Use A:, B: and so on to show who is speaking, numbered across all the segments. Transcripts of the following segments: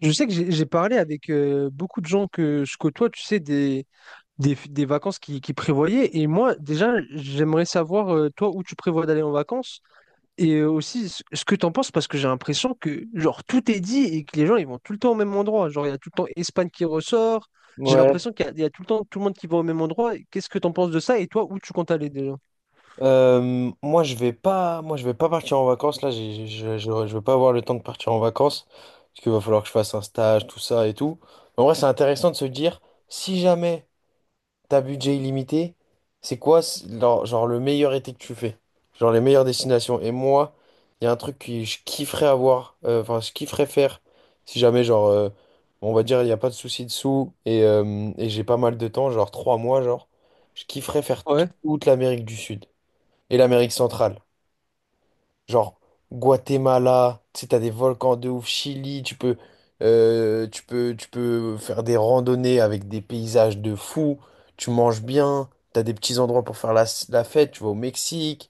A: Je sais que j'ai parlé avec beaucoup de gens que je côtoie, tu sais, des vacances qui prévoyaient. Et moi, déjà, j'aimerais savoir, toi, où tu prévois d'aller en vacances et aussi ce que tu en penses, parce que j'ai l'impression que, genre, tout est dit et que les gens, ils vont tout le temps au même endroit. Genre, il y a tout le temps Espagne qui ressort. J'ai
B: Ouais,
A: l'impression qu'il y, a il y a tout le temps tout le monde qui va au même endroit. Qu'est-ce que tu en penses de ça et toi, où tu comptes aller déjà?
B: moi je vais pas partir en vacances là. Je vais pas avoir le temps de partir en vacances parce qu'il va falloir que je fasse un stage, tout ça et tout. En vrai, c'est intéressant de se dire si jamais t'as budget illimité, c'est quoi le meilleur été que tu fais, genre les meilleures destinations. Et moi, il y a un truc que je kifferais avoir, enfin je kifferais faire si jamais on va dire il n'y a pas de souci de sous et j'ai pas mal de temps, genre 3 mois genre, je kifferais faire
A: Ouais.
B: toute l'Amérique du Sud. Et l'Amérique centrale. Genre Guatemala, tu sais, t'as des volcans de ouf, Chili, tu peux faire des randonnées avec des paysages de fou, tu manges bien, t'as des petits endroits pour faire la fête, tu vas au Mexique,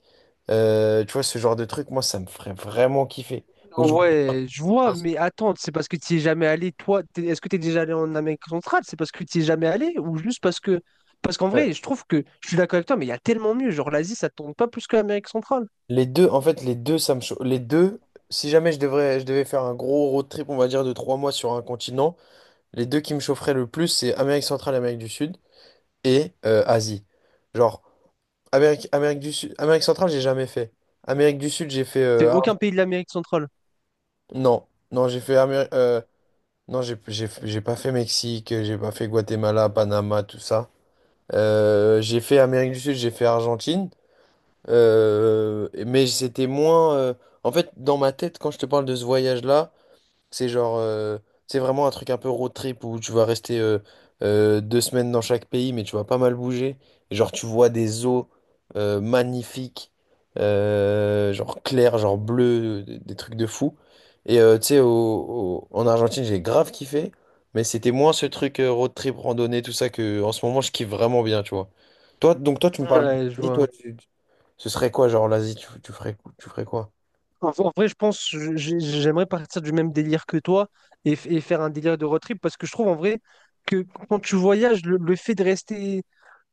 B: tu vois, ce genre de truc, moi, ça me ferait vraiment kiffer. Ou
A: Ouais, je vois, mais attends, c'est parce que tu es jamais allé, toi, est-ce que tu es déjà allé en Amérique centrale? C'est parce que tu es jamais allé ou juste parce que... Parce qu'en
B: Euh,
A: vrai, je trouve que je suis d'accord avec toi, mais il y a tellement mieux. Genre, l'Asie, ça tourne pas plus que l'Amérique centrale.
B: Les deux, en fait, les deux, ça me chauffe. Les deux, si jamais je devais faire un gros road trip, on va dire, de 3 mois sur un continent, les deux qui me chaufferaient le plus, c'est Amérique centrale et Amérique du Sud. Et Asie. Genre, Amérique, Amérique du Sud, Amérique centrale, j'ai jamais fait. Amérique du Sud, j'ai fait.
A: C'est aucun pays de l'Amérique centrale.
B: Non, non, j'ai fait. Non, j'ai pas fait Mexique, j'ai pas fait Guatemala, Panama, tout ça. J'ai fait Amérique du Sud, j'ai fait Argentine. Mais c'était moins. En fait, dans ma tête, quand je te parle de ce voyage-là, c'est c'est vraiment un truc un peu road trip où tu vas rester 2 semaines dans chaque pays, mais tu vas pas mal bouger. Et genre, tu vois des eaux magnifiques, genre claires, genre bleues, des trucs de fou. Et tu sais, en Argentine, j'ai grave kiffé, mais c'était moins ce truc road trip, randonnée, tout ça, que en ce moment, je kiffe vraiment bien, tu vois. Toi, donc toi, tu me parles
A: Ouais, je
B: d'Asie,
A: vois.
B: toi, ce serait quoi, genre l'Asie, tu ferais quoi?
A: En vrai, je pense, j'aimerais partir du même délire que toi et, et faire un délire de road trip parce que je trouve en vrai que quand tu voyages, le fait de rester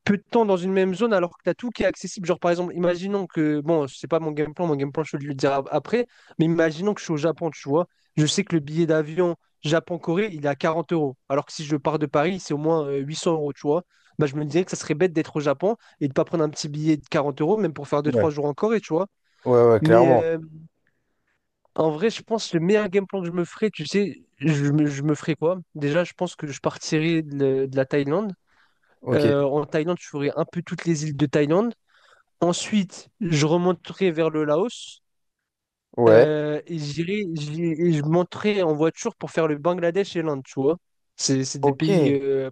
A: peu de temps dans une même zone alors que tu as tout qui est accessible. Genre, par exemple, imaginons que, bon, c'est pas mon game plan, mon game plan, je vais le dire après, mais imaginons que je suis au Japon, tu vois. Je sais que le billet d'avion Japon-Corée, il est à 40 euros. Alors que si je pars de Paris, c'est au moins 800 euros, tu vois. Bah, je me dirais que ça serait bête d'être au Japon et de pas prendre un petit billet de 40 euros, même pour faire deux
B: Ouais.
A: trois jours en Corée, tu vois.
B: Ouais, ouais,
A: Mais
B: clairement.
A: en vrai, je pense que le meilleur game plan que je me ferais, tu sais, je me ferais quoi? Déjà, je pense que je partirais de la Thaïlande.
B: Ok.
A: En Thaïlande, je ferais un peu toutes les îles de Thaïlande. Ensuite, je remonterai vers le Laos
B: Ouais.
A: et et je monterai en voiture pour faire le Bangladesh et l'Inde, tu vois. C'est des
B: Ok,
A: pays
B: ouais,
A: euh,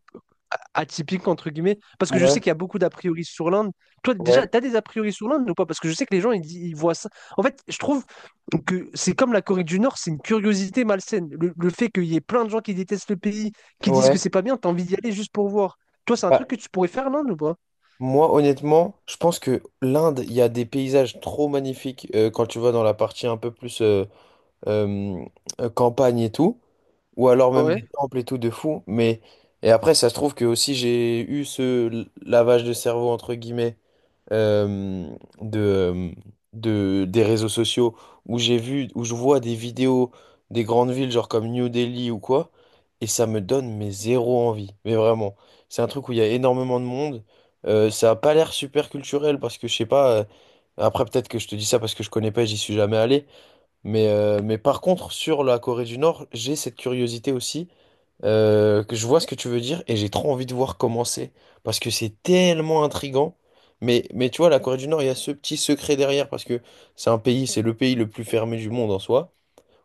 A: a- atypiques, entre guillemets, parce que je sais qu'il y a beaucoup d'a priori sur l'Inde. Toi, déjà,
B: ouais,
A: t'as des a priori sur l'Inde ou pas? Parce que je sais que les gens, ils voient ça. En fait, je trouve que c'est comme la Corée du Nord, c'est une curiosité malsaine. Le fait qu'il y ait plein de gens qui détestent le pays, qui disent que
B: ouais.
A: c'est pas bien, t'as envie d'y aller juste pour voir. Toi, c'est un
B: Bah,
A: truc que tu pourrais faire, l'Inde ou pas?
B: moi, honnêtement, je pense que l'Inde, il y a des paysages trop magnifiques quand tu vas dans la partie un peu plus euh, campagne et tout, ou alors même des
A: Ouais.
B: temples et tout de fou. Mais et après, ça se trouve que aussi j'ai eu ce lavage de cerveau entre guillemets euh, de, euh, des réseaux sociaux où j'ai vu, où je vois des vidéos des grandes villes, genre comme New Delhi ou quoi, et ça me donne mais zéro envie. Mais vraiment, c'est un truc où il y a énormément de monde. Ça a pas l'air super culturel parce que je sais pas. Après, peut-être que je te dis ça parce que je connais pas, et j'y suis jamais allé. Mais par contre, sur la Corée du Nord, j'ai cette curiosité aussi, que je vois ce que tu veux dire et j'ai trop envie de voir comment c'est parce que c'est tellement intrigant. Mais tu vois, la Corée du Nord, il y a ce petit secret derrière parce que c'est un pays, c'est le pays le plus fermé du monde en soi,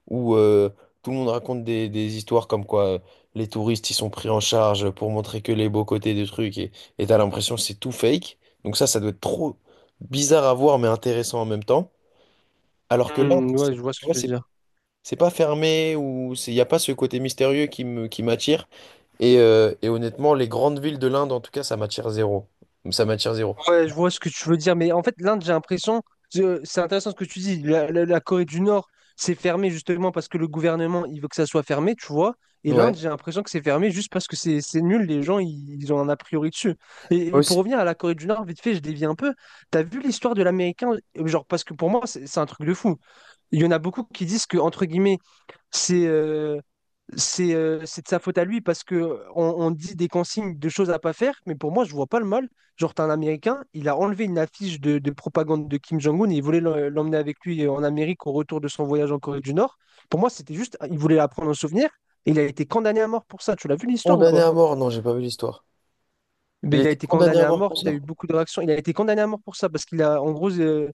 B: où tout le monde raconte des histoires comme quoi, les touristes ils sont pris en charge pour montrer que les beaux côtés des trucs et t'as l'impression que c'est tout fake. Donc ça doit être trop bizarre à voir mais intéressant en même temps. Alors que là,
A: Ouais, je vois ce
B: tu
A: que
B: vois,
A: tu veux
B: c'est
A: dire.
B: c'est pas fermé ou il n'y a pas ce côté mystérieux qui m'attire. Et honnêtement, les grandes villes de l'Inde, en tout cas, ça m'attire zéro. Ça m'attire zéro.
A: Ouais, je vois ce que tu veux dire, mais en fait, l'Inde, j'ai l'impression, c'est intéressant ce que tu dis, la Corée du Nord, c'est fermé justement parce que le gouvernement, il veut que ça soit fermé, tu vois, et l'Inde,
B: Ouais.
A: j'ai l'impression que c'est fermé juste parce que c'est nul, les gens, ils ont un a priori dessus. Et pour
B: Aussi,
A: revenir à la Corée du Nord, vite fait, je dévie un peu, t'as vu l'histoire de l'Américain, genre, parce que pour moi, c'est un truc de fou, il y en a beaucoup qui disent que, entre guillemets, c'est euh, c'est de sa faute à lui parce que on dit des consignes de choses à pas faire, mais pour moi, je vois pas le mal. Genre, t'as un Américain, il a enlevé une affiche de propagande de Kim Jong-un et il voulait l'emmener avec lui en Amérique au retour de son voyage en Corée du Nord. Pour moi, c'était juste, il voulait la prendre en souvenir. Et il a été condamné à mort pour ça. Tu l'as vu l'histoire ou
B: condamné
A: pas?
B: à mort, non, j'ai pas vu l'histoire.
A: Ben
B: Il
A: il a
B: était
A: été
B: condamné
A: condamné
B: à
A: à
B: mort
A: mort.
B: pour
A: T'as
B: ça?
A: eu beaucoup de réactions. Il a été condamné à mort pour ça parce qu'il a, en gros,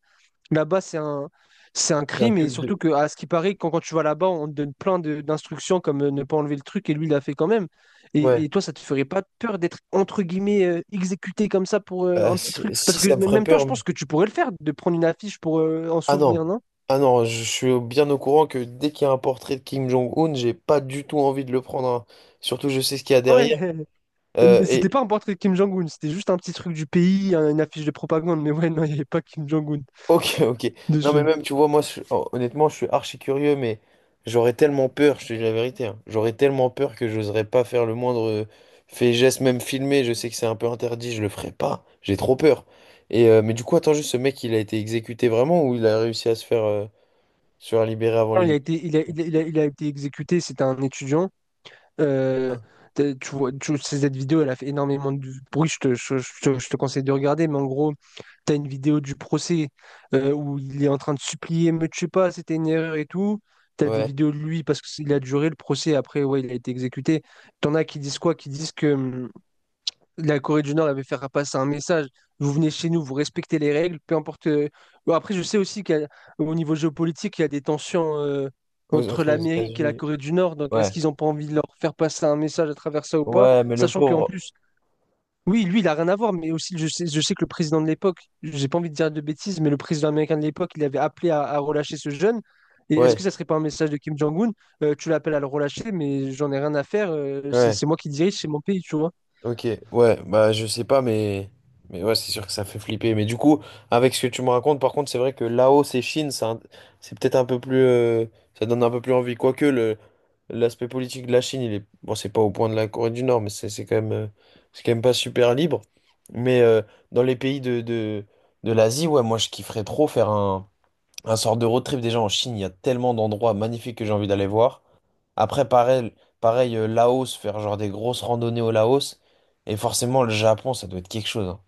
A: là-bas, c'est un
B: C'est un
A: crime et
B: culte
A: surtout
B: de...
A: que, à ce qui paraît, quand tu vas là-bas, on te donne plein d'instructions comme ne pas enlever le truc et lui, il l'a fait quand même.
B: Ouais.
A: Et toi, ça te ferait pas peur d'être, entre guillemets, exécuté comme ça pour un petit
B: Si,
A: truc?
B: si,
A: Parce que
B: ça me
A: mais
B: ferait
A: même temps,
B: peur,
A: je pense
B: mais...
A: que tu pourrais le faire, de prendre une affiche pour en
B: Ah non.
A: souvenir, non?
B: Ah non, je suis bien au courant que dès qu'il y a un portrait de Kim Jong-un, j'ai pas du tout envie de le prendre, hein. Surtout, je sais ce qu'il y a
A: Ouais,
B: derrière. Euh,
A: mais c'était
B: et,
A: pas un portrait de Kim Jong-un, c'était juste un petit truc du pays, une affiche de propagande, mais ouais, non, il n'y avait pas Kim Jong-un
B: Ok, ok. Non, mais
A: dessus.
B: même, tu vois, moi, honnêtement, je suis archi curieux, mais j'aurais tellement peur, je te dis la vérité, hein. J'aurais tellement peur que j'oserais pas faire le moindre fait, geste, même filmé. Je sais que c'est un peu interdit, je le ferai pas. J'ai trop peur. Mais du coup, attends juste, ce mec, il a été exécuté vraiment ou il a réussi à se se faire libérer avant
A: Non, il a
B: les...
A: été, il a, il a, il a- il a été exécuté, c'était un étudiant. Euh, Tu vois, cette vidéo, elle a fait énormément de bruit. Je te conseille de regarder, mais en gros, tu as une vidéo du procès où il est en train de supplier, me tue pas, c'était une erreur et tout. Tu as des
B: Ouais,
A: vidéos de lui parce qu'il a duré le procès. Après, ouais, il a été exécuté. T'en as qui disent quoi? Qui disent que la Corée du Nord avait fait faire passer un message. Vous venez chez nous, vous respectez les règles, peu importe. Bon, après, je sais aussi qu'au niveau géopolitique, il y a des tensions entre
B: entre les
A: l'Amérique et la
B: États-Unis.
A: Corée du Nord. Donc, est-ce
B: Ouais,
A: qu'ils n'ont pas envie de leur faire passer un message à travers ça ou pas?
B: ouais, mais le
A: Sachant qu'en
B: pauvre.
A: plus, oui, lui, il n'a rien à voir, mais aussi, je sais que le président de l'époque, j'ai pas envie de dire de bêtises, mais le président américain de l'époque, il avait appelé à relâcher ce jeune. Et est-ce que
B: Ouais,
A: ça serait pas un message de Kim Jong-un? Tu l'appelles à le relâcher, mais j'en ai rien à faire. euh, c'est
B: ouais.
A: c'est moi qui dirige, c'est mon pays, tu vois.
B: Ok, ouais, bah je sais pas, mais ouais, c'est sûr que ça fait flipper. Mais du coup, avec ce que tu me racontes, par contre, c'est vrai que Laos et Chine, c'est peut-être un peu plus, ça donne un peu plus envie. Quoique le l'aspect politique de la Chine, il est, bon, c'est pas au point de la Corée du Nord, mais c'est quand même, c'est quand même pas super libre. Mais euh, Dans les pays de l'Asie, ouais, moi je kifferais trop faire un sort de road trip. Déjà en Chine, il y a tellement d'endroits magnifiques que j'ai envie d'aller voir. Après, pareil, Laos, faire genre des grosses randonnées au Laos. Et forcément, le Japon, ça doit être quelque chose, hein.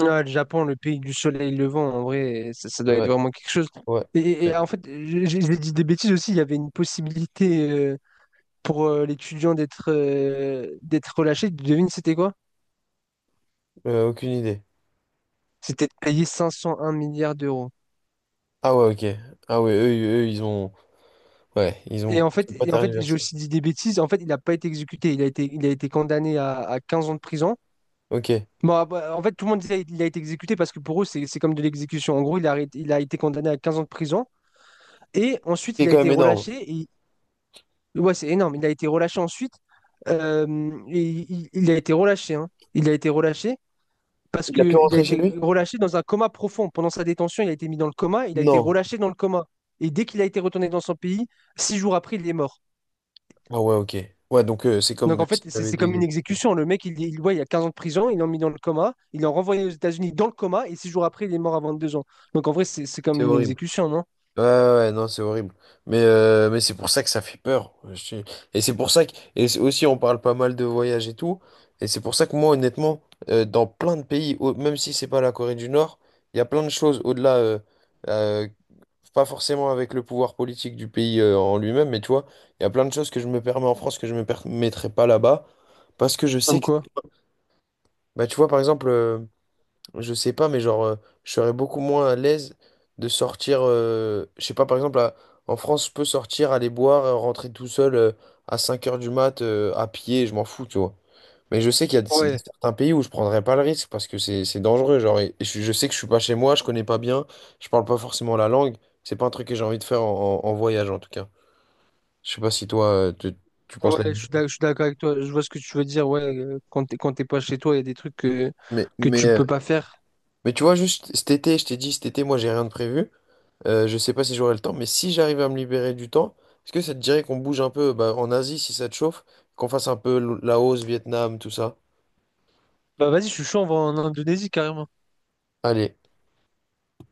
A: Ouais, le Japon, le pays du soleil levant, en vrai, ça doit être
B: Ouais,
A: vraiment quelque chose.
B: ouais. Ouais.
A: Et en fait, j'ai dit des bêtises aussi, il y avait une possibilité pour l'étudiant d'être d'être relâché. Devine, c'était quoi?
B: Aucune idée.
A: C'était de payer 501 milliards d'euros.
B: Ah ouais, ok. Ah ouais, eux, eux, ils ont. Ouais, ils ont. Ils sont pas
A: Et en fait, j'ai
B: tergiversé.
A: aussi dit des bêtises. En fait, il n'a pas été exécuté. Il a été condamné à 15 ans de prison.
B: Ok.
A: Bon, ah bah, en fait, tout le monde disait qu'il a été exécuté parce que pour eux, c'est comme de l'exécution. En gros, il a été condamné à 15 ans de prison. Et ensuite,
B: C'est
A: il a
B: quand
A: été
B: même énorme.
A: relâché. Et... Ouais, c'est énorme. Il a été relâché ensuite. Et il a été relâché. Hein. Il a été relâché parce
B: Il a pu
A: qu'il a
B: rentrer chez
A: été
B: lui?
A: relâché dans un coma profond. Pendant sa détention, il a été mis dans le coma. Il a été
B: Non.
A: relâché dans le coma. Et dès qu'il a été retourné dans son pays, six jours après, il est mort.
B: Ah ouais, ok. Ouais, donc c'est
A: Donc en
B: comme
A: fait,
B: s'il
A: c'est
B: avait
A: c'est
B: été
A: comme une
B: exécuté.
A: exécution. Le mec, ouais, il y a 15 ans de prison, il l'ont mis dans le coma, il l'ont renvoyé aux États-Unis dans le coma, et six jours après, il est mort à deux ans. Donc en vrai, c'est comme
B: C'est
A: une
B: horrible.
A: exécution, non?
B: Ouais, ouais, ouais, non, c'est horrible. Mais c'est pour ça que ça fait peur. Je sais. Et c'est pour ça que, et c'est aussi, on parle pas mal de voyage et tout. Et c'est pour ça que moi, honnêtement, dans plein de pays, même si c'est pas la Corée du Nord, il y a plein de choses au-delà, euh, pas forcément avec le pouvoir politique du pays, en lui-même, mais tu vois, il y a plein de choses que je me permets en France que je me permettrais pas là-bas. Parce que je sais
A: Comme
B: que,
A: quoi?
B: bah, tu vois, par exemple, je sais pas, mais je serais beaucoup moins à l'aise de sortir, je sais pas, par exemple, en France, je peux sortir, aller boire, rentrer tout seul à 5 heures du mat, à pied, je m'en fous, tu vois. Mais je sais qu'il y a, il y a
A: Ouais,
B: certains pays où je prendrais pas le risque parce que c'est dangereux, et je sais que je suis pas chez moi, je connais pas bien, je parle pas forcément la langue, c'est pas un truc que j'ai envie de faire en voyage, en tout cas. Je sais pas si toi, tu penses la même chose.
A: je suis d'accord avec toi. Je vois ce que tu veux dire. Ouais, quand quand t'es pas chez toi, il y a des trucs
B: Mais,
A: que
B: mais,
A: tu
B: euh,
A: peux pas faire.
B: mais tu vois, juste cet été, je t'ai dit, cet été, moi, j'ai rien de prévu. Je sais pas si j'aurai le temps, mais si j'arrive à me libérer du temps, est-ce que ça te dirait qu'on bouge un peu bah, en Asie si ça te chauffe, qu'on fasse un peu Laos, Vietnam, tout ça?
A: Bah vas-y, je suis chaud, on va en Indonésie carrément.
B: Allez.